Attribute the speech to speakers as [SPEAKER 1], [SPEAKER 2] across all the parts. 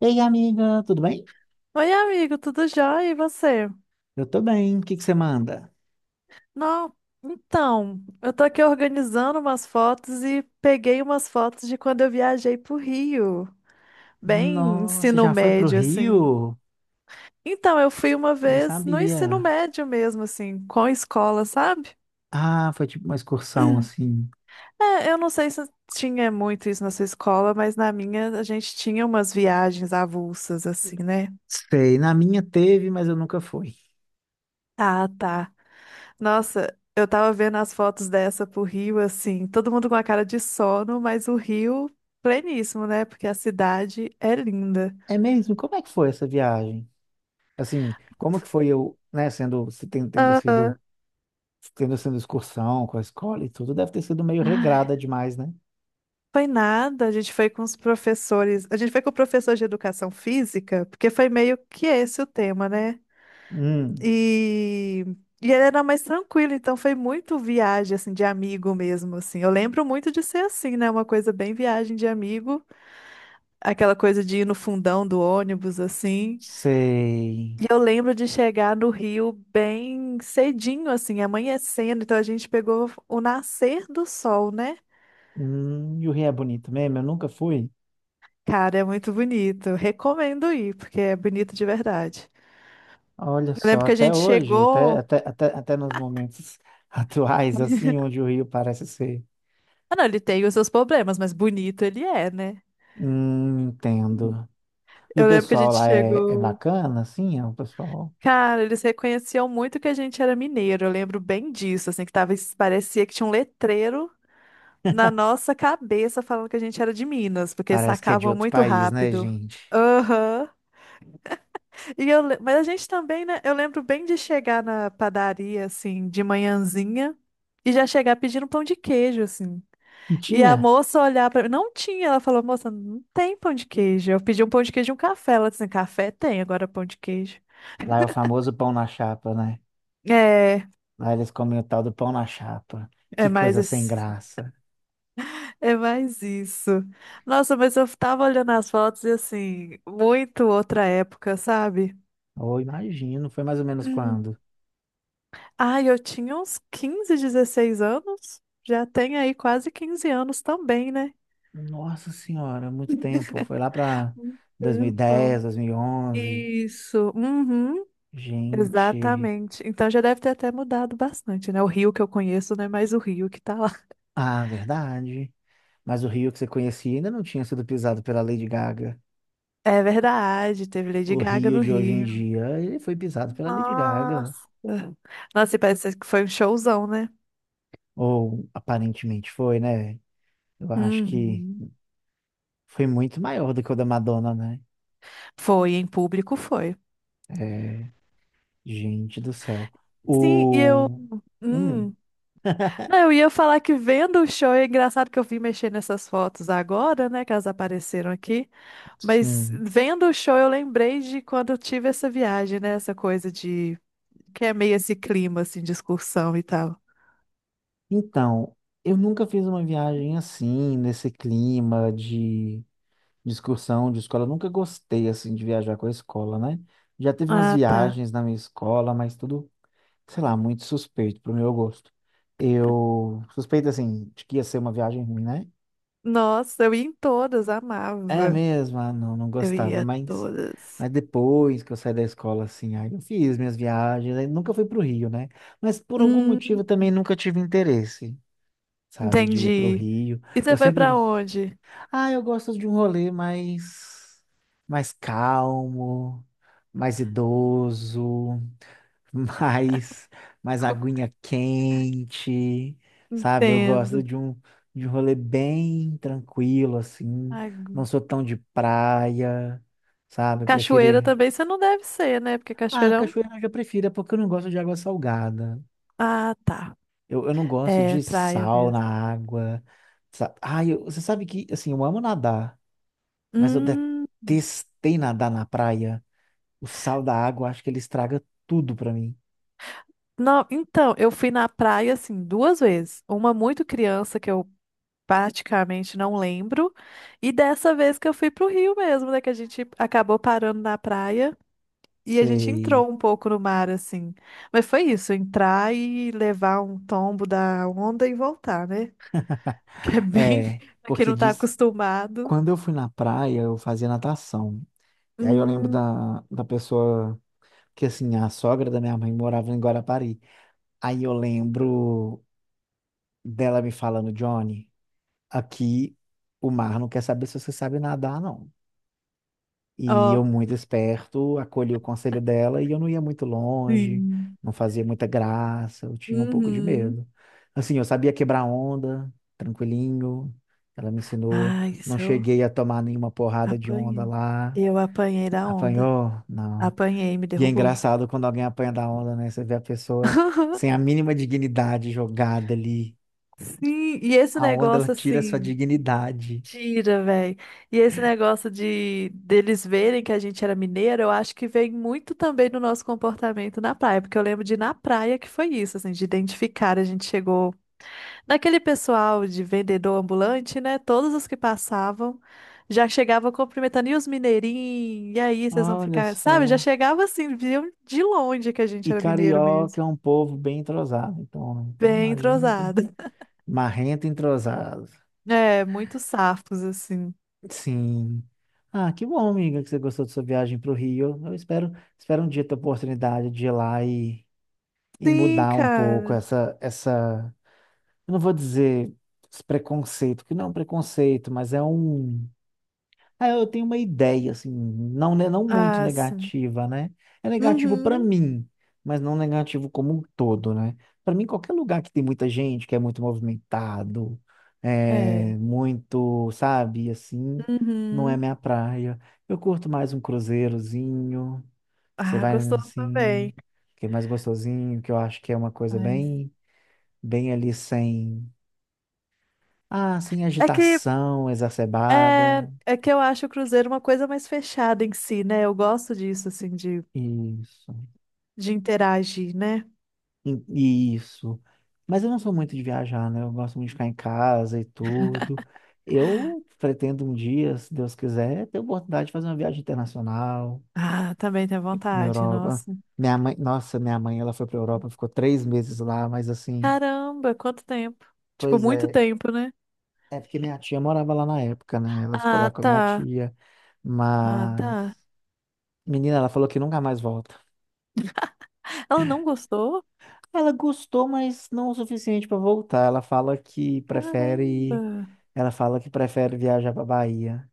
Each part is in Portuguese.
[SPEAKER 1] Ei, amiga, tudo bem?
[SPEAKER 2] Oi, amigo, tudo jóia? E você?
[SPEAKER 1] Eu tô bem. O que que você manda?
[SPEAKER 2] Não, então, eu tô aqui organizando umas fotos e peguei umas fotos de quando eu viajei pro Rio, bem
[SPEAKER 1] Nossa,
[SPEAKER 2] ensino
[SPEAKER 1] já foi pro
[SPEAKER 2] médio, assim.
[SPEAKER 1] Rio?
[SPEAKER 2] Então, eu fui uma
[SPEAKER 1] Nem
[SPEAKER 2] vez no ensino
[SPEAKER 1] sabia.
[SPEAKER 2] médio mesmo, assim, com a escola, sabe?
[SPEAKER 1] Ah, foi tipo uma excursão assim.
[SPEAKER 2] É, eu não sei se tinha muito isso na sua escola, mas na minha a gente tinha umas viagens avulsas, assim, né?
[SPEAKER 1] Sei, na minha teve, mas eu nunca fui.
[SPEAKER 2] Ah, tá. Nossa, eu tava vendo as fotos dessa pro Rio, assim, todo mundo com a cara de sono, mas o Rio pleníssimo, né? Porque a cidade é linda.
[SPEAKER 1] É mesmo? Como é que foi essa viagem? Assim, como que foi eu, né, sendo, se ten-
[SPEAKER 2] Aham.
[SPEAKER 1] tendo sido excursão com a escola e tudo, deve ter sido meio regrada demais, né?
[SPEAKER 2] Foi nada, a gente foi com os professores, a gente foi com o professor de educação física, porque foi meio que esse o tema, né?
[SPEAKER 1] Hum,
[SPEAKER 2] E, e ele era mais tranquilo, então foi muito viagem, assim, de amigo mesmo, assim. Eu lembro muito de ser assim, né? Uma coisa bem viagem de amigo, aquela coisa de ir no fundão do ônibus, assim.
[SPEAKER 1] sei.
[SPEAKER 2] E eu lembro de chegar no Rio bem cedinho, assim, amanhecendo. Então a gente pegou o nascer do sol, né?
[SPEAKER 1] E o Rio é bonito mesmo? Eu nunca fui.
[SPEAKER 2] Cara, é muito bonito. Recomendo ir, porque é bonito de verdade.
[SPEAKER 1] Olha
[SPEAKER 2] Eu
[SPEAKER 1] só,
[SPEAKER 2] lembro que a
[SPEAKER 1] até
[SPEAKER 2] gente
[SPEAKER 1] hoje,
[SPEAKER 2] chegou.
[SPEAKER 1] até nos momentos atuais, assim, onde o Rio parece ser.
[SPEAKER 2] Ah, não, ele tem os seus problemas, mas bonito ele é, né?
[SPEAKER 1] Entendo. E o
[SPEAKER 2] Eu lembro que a
[SPEAKER 1] pessoal
[SPEAKER 2] gente
[SPEAKER 1] lá é, é
[SPEAKER 2] chegou.
[SPEAKER 1] bacana, assim, é o pessoal
[SPEAKER 2] Cara, eles reconheciam muito que a gente era mineiro. Eu lembro bem disso, assim, que tava, parecia que tinha um letreiro na nossa cabeça falando que a gente era de Minas, porque
[SPEAKER 1] parece que é de
[SPEAKER 2] sacavam
[SPEAKER 1] outro
[SPEAKER 2] muito
[SPEAKER 1] país, né,
[SPEAKER 2] rápido.
[SPEAKER 1] gente?
[SPEAKER 2] Aham. Mas a gente também, né? Eu lembro bem de chegar na padaria, assim, de manhãzinha, e já chegar pedindo pão de queijo, assim.
[SPEAKER 1] E
[SPEAKER 2] E a
[SPEAKER 1] tinha,
[SPEAKER 2] moça olhar pra mim, não tinha. Ela falou, moça, não tem pão de queijo. Eu pedi um pão de queijo e um café. Ela disse, assim, café tem, agora pão de queijo.
[SPEAKER 1] lá é o famoso pão na chapa, né?
[SPEAKER 2] É,
[SPEAKER 1] Lá eles comem o tal do pão na chapa. Que
[SPEAKER 2] é mais,
[SPEAKER 1] coisa sem graça.
[SPEAKER 2] é mais isso. Nossa, mas eu tava olhando as fotos e, assim, muito outra época, sabe?
[SPEAKER 1] Oh, imagino, foi mais ou menos quando?
[SPEAKER 2] Ai, eu tinha uns 15, 16 anos. Já tem aí quase 15 anos também, né?
[SPEAKER 1] Nossa Senhora, muito tempo. Foi lá para
[SPEAKER 2] Um tempão.
[SPEAKER 1] 2010, onze,
[SPEAKER 2] Isso. Uhum.
[SPEAKER 1] gente.
[SPEAKER 2] Exatamente. Então já deve ter até mudado bastante, né? O Rio que eu conheço não é mais o Rio que tá lá.
[SPEAKER 1] Ah, verdade. Mas o Rio que você conhecia ainda não tinha sido pisado pela Lady Gaga.
[SPEAKER 2] É verdade, teve Lady
[SPEAKER 1] O
[SPEAKER 2] Gaga
[SPEAKER 1] Rio
[SPEAKER 2] no
[SPEAKER 1] de hoje em
[SPEAKER 2] Rio.
[SPEAKER 1] dia, ele foi pisado pela Lady Gaga.
[SPEAKER 2] Nossa. Nossa, e parece que foi um showzão, né?
[SPEAKER 1] Ou aparentemente foi, né? Eu acho que
[SPEAKER 2] Uhum.
[SPEAKER 1] foi muito maior do que o da Madonna, né?
[SPEAKER 2] Foi, em público foi.
[SPEAKER 1] É, gente do céu.
[SPEAKER 2] Sim, e eu.
[SPEAKER 1] O. Hum,
[SPEAKER 2] hum, Não, eu ia falar que vendo o show, é engraçado que eu vim mexer nessas fotos agora, né, que elas apareceram aqui, mas
[SPEAKER 1] sim.
[SPEAKER 2] vendo o show eu lembrei de quando eu tive essa viagem, né, essa coisa de, que é meio esse clima, assim, de excursão e tal.
[SPEAKER 1] Então, eu nunca fiz uma viagem assim, nesse clima de excursão de escola. Eu nunca gostei, assim, de viajar com a escola, né? Já teve umas
[SPEAKER 2] Ah, tá.
[SPEAKER 1] viagens na minha escola, mas tudo, sei lá, muito suspeito pro meu gosto. Eu suspeito, assim, de que ia ser uma viagem ruim, né?
[SPEAKER 2] Nossa, eu ia em todas,
[SPEAKER 1] É
[SPEAKER 2] amava.
[SPEAKER 1] mesmo, ah, não, não
[SPEAKER 2] Eu
[SPEAKER 1] gostava,
[SPEAKER 2] ia a todas.
[SPEAKER 1] mas depois que eu saí da escola, assim, aí eu fiz minhas viagens, aí nunca fui pro Rio, né? Mas por algum
[SPEAKER 2] Hum,
[SPEAKER 1] motivo eu também nunca tive interesse, sabe, de ir pro
[SPEAKER 2] entendi.
[SPEAKER 1] Rio.
[SPEAKER 2] E você
[SPEAKER 1] Eu
[SPEAKER 2] foi
[SPEAKER 1] sempre
[SPEAKER 2] pra onde?
[SPEAKER 1] ah, eu gosto de um rolê mais, mais calmo, mais idoso, mais, mais aguinha quente, sabe? Eu gosto
[SPEAKER 2] Entendo.
[SPEAKER 1] de de um rolê bem tranquilo, assim.
[SPEAKER 2] Ai,
[SPEAKER 1] Não sou tão de praia, sabe? Eu prefiro.
[SPEAKER 2] cachoeira também você não deve ser, né, porque
[SPEAKER 1] Ah,
[SPEAKER 2] cachoeirão...
[SPEAKER 1] cachoeira eu já prefiro, é porque eu não gosto de água salgada.
[SPEAKER 2] Ah, tá.
[SPEAKER 1] Eu não gosto
[SPEAKER 2] É,
[SPEAKER 1] de
[SPEAKER 2] praia
[SPEAKER 1] sal na
[SPEAKER 2] mesmo.
[SPEAKER 1] água. Ah, você sabe que, assim, eu amo nadar. Mas eu
[SPEAKER 2] Hum,
[SPEAKER 1] detestei nadar na praia. O sal da água, acho que ele estraga tudo pra mim.
[SPEAKER 2] não, então, eu fui na praia assim duas vezes. Uma muito criança que eu praticamente não lembro, e dessa vez que eu fui pro Rio mesmo, né, que a gente acabou parando na praia e a gente
[SPEAKER 1] Sei.
[SPEAKER 2] entrou um pouco no mar assim. Mas foi isso, entrar e levar um tombo da onda e voltar, né? Que é bem
[SPEAKER 1] É,
[SPEAKER 2] pra quem
[SPEAKER 1] porque
[SPEAKER 2] não tá
[SPEAKER 1] diz,
[SPEAKER 2] acostumado.
[SPEAKER 1] quando eu fui na praia, eu fazia natação. E aí eu lembro
[SPEAKER 2] Hum,
[SPEAKER 1] da pessoa que, assim, a sogra da minha mãe morava em Guarapari. Aí eu lembro dela me falando, Johnny, aqui o mar não quer saber se você sabe nadar, não. E eu,
[SPEAKER 2] ó,
[SPEAKER 1] muito esperto, acolhi o conselho dela e eu não ia muito longe,
[SPEAKER 2] sim.
[SPEAKER 1] não fazia muita graça, eu tinha um pouco de
[SPEAKER 2] Uhum.
[SPEAKER 1] medo. Assim, eu sabia quebrar onda, tranquilinho. Ela me ensinou,
[SPEAKER 2] Ai,
[SPEAKER 1] não
[SPEAKER 2] isso eu
[SPEAKER 1] cheguei a tomar nenhuma porrada de onda
[SPEAKER 2] apanhei.
[SPEAKER 1] lá.
[SPEAKER 2] Eu apanhei da onda.
[SPEAKER 1] Apanhou? Não.
[SPEAKER 2] Apanhei, me
[SPEAKER 1] E é
[SPEAKER 2] derrubou.
[SPEAKER 1] engraçado quando alguém apanha da onda, né? Você vê a pessoa sem a mínima dignidade jogada ali.
[SPEAKER 2] Sim, e esse
[SPEAKER 1] A onda, ela
[SPEAKER 2] negócio
[SPEAKER 1] tira a sua
[SPEAKER 2] assim,
[SPEAKER 1] dignidade.
[SPEAKER 2] tira, velho. E esse negócio de deles verem que a gente era mineiro, eu acho que vem muito também do nosso comportamento na praia, porque eu lembro de ir na praia que foi isso, assim, de identificar, a gente chegou naquele pessoal de vendedor ambulante, né? Todos os que passavam já chegavam cumprimentando, e os mineirinhos, e aí vocês vão
[SPEAKER 1] Olha
[SPEAKER 2] ficar, sabe? Já
[SPEAKER 1] só.
[SPEAKER 2] chegava assim, viam de longe que a gente
[SPEAKER 1] E
[SPEAKER 2] era mineiro mesmo.
[SPEAKER 1] carioca é um povo bem entrosado, então, então
[SPEAKER 2] Bem
[SPEAKER 1] imagino que...
[SPEAKER 2] entrosado.
[SPEAKER 1] Marrento e entrosado.
[SPEAKER 2] É, muitos safos, assim.
[SPEAKER 1] Sim. Ah, que bom, amiga, que você gostou da sua viagem para o Rio. Eu espero, espero um dia ter a oportunidade de ir lá e
[SPEAKER 2] Sim,
[SPEAKER 1] mudar um pouco
[SPEAKER 2] cara.
[SPEAKER 1] eu não vou dizer esse preconceito, que não é um preconceito, mas é um, ah, eu tenho uma ideia, assim, não, né, não muito
[SPEAKER 2] Ah, sim.
[SPEAKER 1] negativa, né? É negativo para
[SPEAKER 2] Uhum.
[SPEAKER 1] mim, mas não negativo como um todo, né? Para mim, qualquer lugar que tem muita gente, que é muito movimentado,
[SPEAKER 2] É.
[SPEAKER 1] é muito, sabe, assim, não é
[SPEAKER 2] Uhum.
[SPEAKER 1] minha praia. Eu curto mais um cruzeirozinho, você
[SPEAKER 2] Ah,
[SPEAKER 1] vai
[SPEAKER 2] gostoso também.
[SPEAKER 1] assim, que é mais gostosinho, que eu acho que é uma coisa
[SPEAKER 2] Mas...
[SPEAKER 1] bem, bem ali sem, ah, sem
[SPEAKER 2] É que
[SPEAKER 1] agitação exacerbada.
[SPEAKER 2] é que eu acho o Cruzeiro uma coisa mais fechada em si, né? Eu gosto disso, assim, de,
[SPEAKER 1] Isso.
[SPEAKER 2] de interagir, né?
[SPEAKER 1] E- isso. Mas eu não sou muito de viajar, né? Eu gosto muito de ficar em casa e tudo. Eu pretendo um dia, se Deus quiser, ter a oportunidade de fazer uma viagem internacional
[SPEAKER 2] Ah, também tenho
[SPEAKER 1] na
[SPEAKER 2] vontade,
[SPEAKER 1] Europa.
[SPEAKER 2] nossa.
[SPEAKER 1] Minha mãe, nossa, minha mãe, ela foi para Europa, ficou 3 meses lá, mas assim,
[SPEAKER 2] Caramba, quanto tempo. Tipo,
[SPEAKER 1] pois
[SPEAKER 2] muito
[SPEAKER 1] é,
[SPEAKER 2] tempo, né?
[SPEAKER 1] é porque minha tia morava lá na época, né? Ela ficou lá
[SPEAKER 2] Ah,
[SPEAKER 1] com a minha
[SPEAKER 2] tá.
[SPEAKER 1] tia,
[SPEAKER 2] Ah, tá.
[SPEAKER 1] mas menina, ela falou que nunca mais volta.
[SPEAKER 2] Ela não gostou?
[SPEAKER 1] Ela gostou, mas não o suficiente para voltar. Ela fala que
[SPEAKER 2] Caramba.
[SPEAKER 1] prefere, ela fala que prefere viajar para Bahia,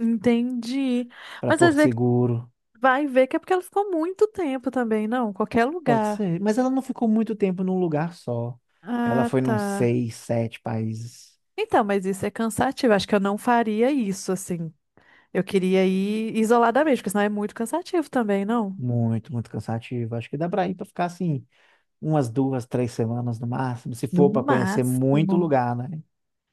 [SPEAKER 2] Entendi.
[SPEAKER 1] para
[SPEAKER 2] Mas às
[SPEAKER 1] Porto
[SPEAKER 2] vezes
[SPEAKER 1] Seguro.
[SPEAKER 2] vai ver que é porque ela ficou muito tempo também, não? Qualquer
[SPEAKER 1] Pode
[SPEAKER 2] lugar.
[SPEAKER 1] ser, mas ela não ficou muito tempo num lugar só. Ela
[SPEAKER 2] Ah,
[SPEAKER 1] foi num
[SPEAKER 2] tá.
[SPEAKER 1] seis, sete países.
[SPEAKER 2] Então, mas isso é cansativo. Acho que eu não faria isso, assim. Eu queria ir isoladamente, porque senão é muito cansativo também, não?
[SPEAKER 1] Muito, muito cansativo. Acho que dá para ir para ficar assim umas 2, 3 semanas no máximo, se
[SPEAKER 2] No
[SPEAKER 1] for para conhecer muito
[SPEAKER 2] máximo.
[SPEAKER 1] lugar, né?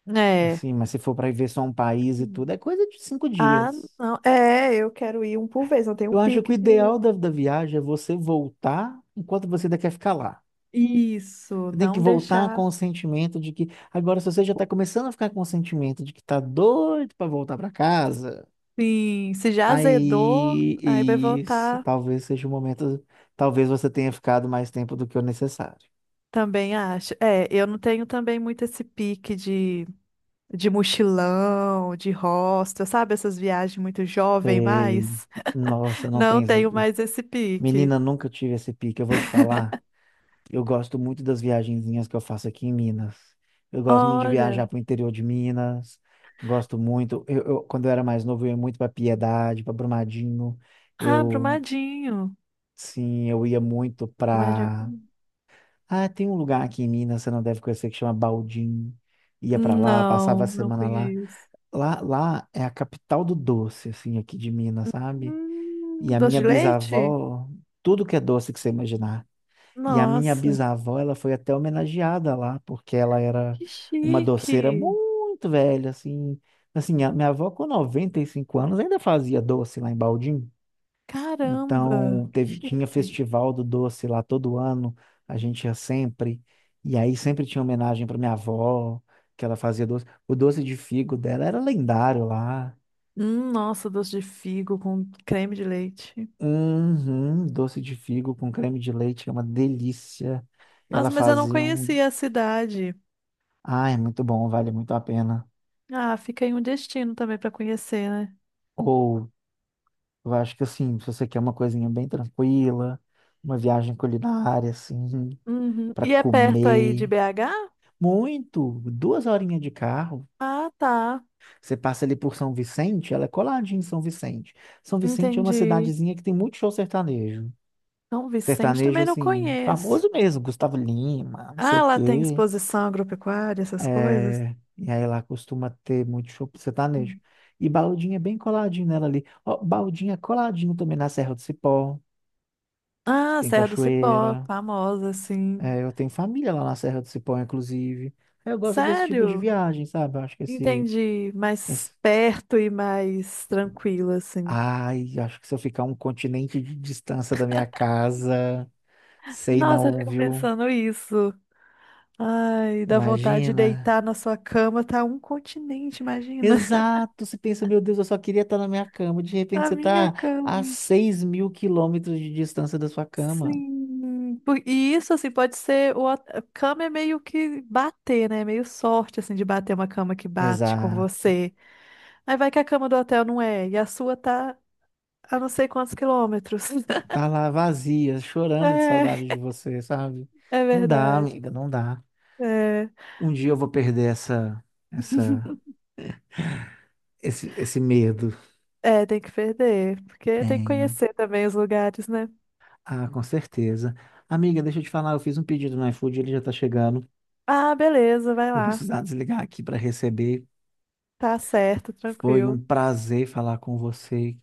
[SPEAKER 2] É.
[SPEAKER 1] Assim, mas se for para ver só um país e tudo, é coisa de cinco
[SPEAKER 2] Ah,
[SPEAKER 1] dias.
[SPEAKER 2] não. É, eu quero ir um por vez. Eu tenho
[SPEAKER 1] Eu
[SPEAKER 2] um
[SPEAKER 1] acho que o
[SPEAKER 2] pique de.
[SPEAKER 1] ideal da viagem é você voltar enquanto você ainda quer ficar lá.
[SPEAKER 2] Isso,
[SPEAKER 1] Você tem que
[SPEAKER 2] não
[SPEAKER 1] voltar com
[SPEAKER 2] deixar.
[SPEAKER 1] o sentimento de que. Agora, se você já está começando a ficar com o sentimento de que tá doido para voltar para casa,
[SPEAKER 2] Sim, se já azedou, aí vai
[SPEAKER 1] aí isso
[SPEAKER 2] voltar.
[SPEAKER 1] talvez seja o momento. Talvez você tenha ficado mais tempo do que o necessário.
[SPEAKER 2] Também acho. É, eu não tenho também muito esse pique de. Mochilão, de hostel, sabe? Essas viagens muito jovem,
[SPEAKER 1] Sei.
[SPEAKER 2] mas
[SPEAKER 1] Nossa, não tem
[SPEAKER 2] não
[SPEAKER 1] esse
[SPEAKER 2] tenho
[SPEAKER 1] pique.
[SPEAKER 2] mais esse pique.
[SPEAKER 1] Menina, nunca tive esse pique. Eu vou te falar. Eu gosto muito das viagenzinhas que eu faço aqui em Minas. Eu gosto muito de viajar
[SPEAKER 2] Olha,
[SPEAKER 1] para o interior de Minas. Gosto muito. Eu, quando eu era mais novo, eu ia muito para Piedade, para Brumadinho.
[SPEAKER 2] ah,
[SPEAKER 1] Eu
[SPEAKER 2] Brumadinho.
[SPEAKER 1] sim, eu ia muito
[SPEAKER 2] Brumadinho.
[SPEAKER 1] pra. Ah, tem um lugar aqui em Minas, você não deve conhecer, que chama Baldim. Ia pra lá, passava a
[SPEAKER 2] Não, não
[SPEAKER 1] semana lá.
[SPEAKER 2] conheço.
[SPEAKER 1] Lá, lá é a capital do doce, assim, aqui de Minas, sabe? E a
[SPEAKER 2] Doce
[SPEAKER 1] minha
[SPEAKER 2] de leite?
[SPEAKER 1] bisavó, tudo que é doce que você imaginar. E a minha
[SPEAKER 2] Nossa,
[SPEAKER 1] bisavó, ela foi até homenageada lá, porque ela era
[SPEAKER 2] que
[SPEAKER 1] uma doceira
[SPEAKER 2] chique!
[SPEAKER 1] muito velha, assim. Assim, a minha avó com 95 anos ainda fazia doce lá em Baldim.
[SPEAKER 2] Caramba,
[SPEAKER 1] Então, teve,
[SPEAKER 2] que
[SPEAKER 1] tinha
[SPEAKER 2] chique.
[SPEAKER 1] festival do doce lá todo ano, a gente ia sempre. E aí sempre tinha homenagem para minha avó, que ela fazia doce. O doce de figo dela era lendário lá.
[SPEAKER 2] Nossa, doce de figo com creme de leite.
[SPEAKER 1] Uhum, doce de figo com creme de leite, que é uma delícia. Ela
[SPEAKER 2] Nossa, mas eu não
[SPEAKER 1] fazia um.
[SPEAKER 2] conhecia a cidade.
[SPEAKER 1] Ah, é muito bom, vale muito a pena.
[SPEAKER 2] Ah, fica aí um destino também para conhecer, né?
[SPEAKER 1] Ou, eu acho que assim, se você quer uma coisinha bem tranquila, uma viagem culinária, assim,
[SPEAKER 2] Uhum.
[SPEAKER 1] para
[SPEAKER 2] E é perto aí de
[SPEAKER 1] comer.
[SPEAKER 2] BH?
[SPEAKER 1] Muito, duas horinhas de carro.
[SPEAKER 2] Ah, tá.
[SPEAKER 1] Você passa ali por São Vicente, ela é coladinha em São Vicente. São Vicente é uma
[SPEAKER 2] Entendi.
[SPEAKER 1] cidadezinha que tem muito show sertanejo.
[SPEAKER 2] São Vicente
[SPEAKER 1] Sertanejo,
[SPEAKER 2] também não
[SPEAKER 1] assim,
[SPEAKER 2] conheço.
[SPEAKER 1] famoso mesmo, Gustavo Lima, não sei
[SPEAKER 2] Ah,
[SPEAKER 1] o
[SPEAKER 2] lá tem
[SPEAKER 1] quê.
[SPEAKER 2] exposição agropecuária, essas coisas.
[SPEAKER 1] É, e aí lá costuma ter muito show sertanejo.
[SPEAKER 2] Hum.
[SPEAKER 1] E Baldinha é bem coladinho nela ali. Ó, Baldinha é coladinho também na Serra do Cipó, que
[SPEAKER 2] Ah,
[SPEAKER 1] tem
[SPEAKER 2] Serra do Cipó,
[SPEAKER 1] cachoeira.
[SPEAKER 2] famosa, assim.
[SPEAKER 1] É, eu tenho família lá na Serra do Cipó, inclusive. Aí eu gosto desse tipo de
[SPEAKER 2] Sério?
[SPEAKER 1] viagem, sabe? Eu acho que esse,
[SPEAKER 2] Entendi. Mais
[SPEAKER 1] esse
[SPEAKER 2] perto e mais tranquilo, assim.
[SPEAKER 1] ai, acho que se eu ficar um continente de distância da minha casa, sei
[SPEAKER 2] Nossa, eu
[SPEAKER 1] não,
[SPEAKER 2] fico
[SPEAKER 1] viu?
[SPEAKER 2] pensando isso. Ai, dá vontade de
[SPEAKER 1] Imagina.
[SPEAKER 2] deitar na sua cama, tá um continente, imagina.
[SPEAKER 1] Exato, você pensa, meu Deus, eu só queria estar na minha cama. De repente
[SPEAKER 2] A
[SPEAKER 1] você
[SPEAKER 2] minha
[SPEAKER 1] está a
[SPEAKER 2] cama.
[SPEAKER 1] 6.000 quilômetros de distância da sua cama.
[SPEAKER 2] Sim. E isso, assim, pode ser. A cama é meio que bater, né? Meio sorte, assim, de bater uma cama que bate com
[SPEAKER 1] Exato.
[SPEAKER 2] você. Aí vai que a cama do hotel não é, e a sua tá a não sei quantos quilômetros.
[SPEAKER 1] Tá lá vazia, chorando de
[SPEAKER 2] É,
[SPEAKER 1] saudade de você, sabe?
[SPEAKER 2] é
[SPEAKER 1] Não dá,
[SPEAKER 2] verdade.
[SPEAKER 1] amiga, não dá.
[SPEAKER 2] É.
[SPEAKER 1] Um dia eu vou perder essa, essa, esse medo.
[SPEAKER 2] É, tem que perder, porque tem que
[SPEAKER 1] Tenho.
[SPEAKER 2] conhecer também os lugares, né?
[SPEAKER 1] Ah, com certeza. Amiga, deixa eu te falar, eu fiz um pedido no iFood, ele já tá chegando.
[SPEAKER 2] Ah, beleza, vai
[SPEAKER 1] Vou
[SPEAKER 2] lá.
[SPEAKER 1] precisar desligar aqui para receber.
[SPEAKER 2] Tá certo,
[SPEAKER 1] Foi um
[SPEAKER 2] tranquilo.
[SPEAKER 1] prazer falar com você.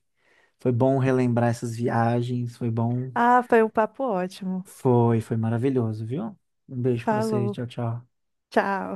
[SPEAKER 1] Foi bom relembrar essas viagens. Foi bom.
[SPEAKER 2] Ah, foi um papo ótimo.
[SPEAKER 1] Foi maravilhoso, viu? Um beijo para você.
[SPEAKER 2] Falou.
[SPEAKER 1] Tchau, tchau.
[SPEAKER 2] Tchau.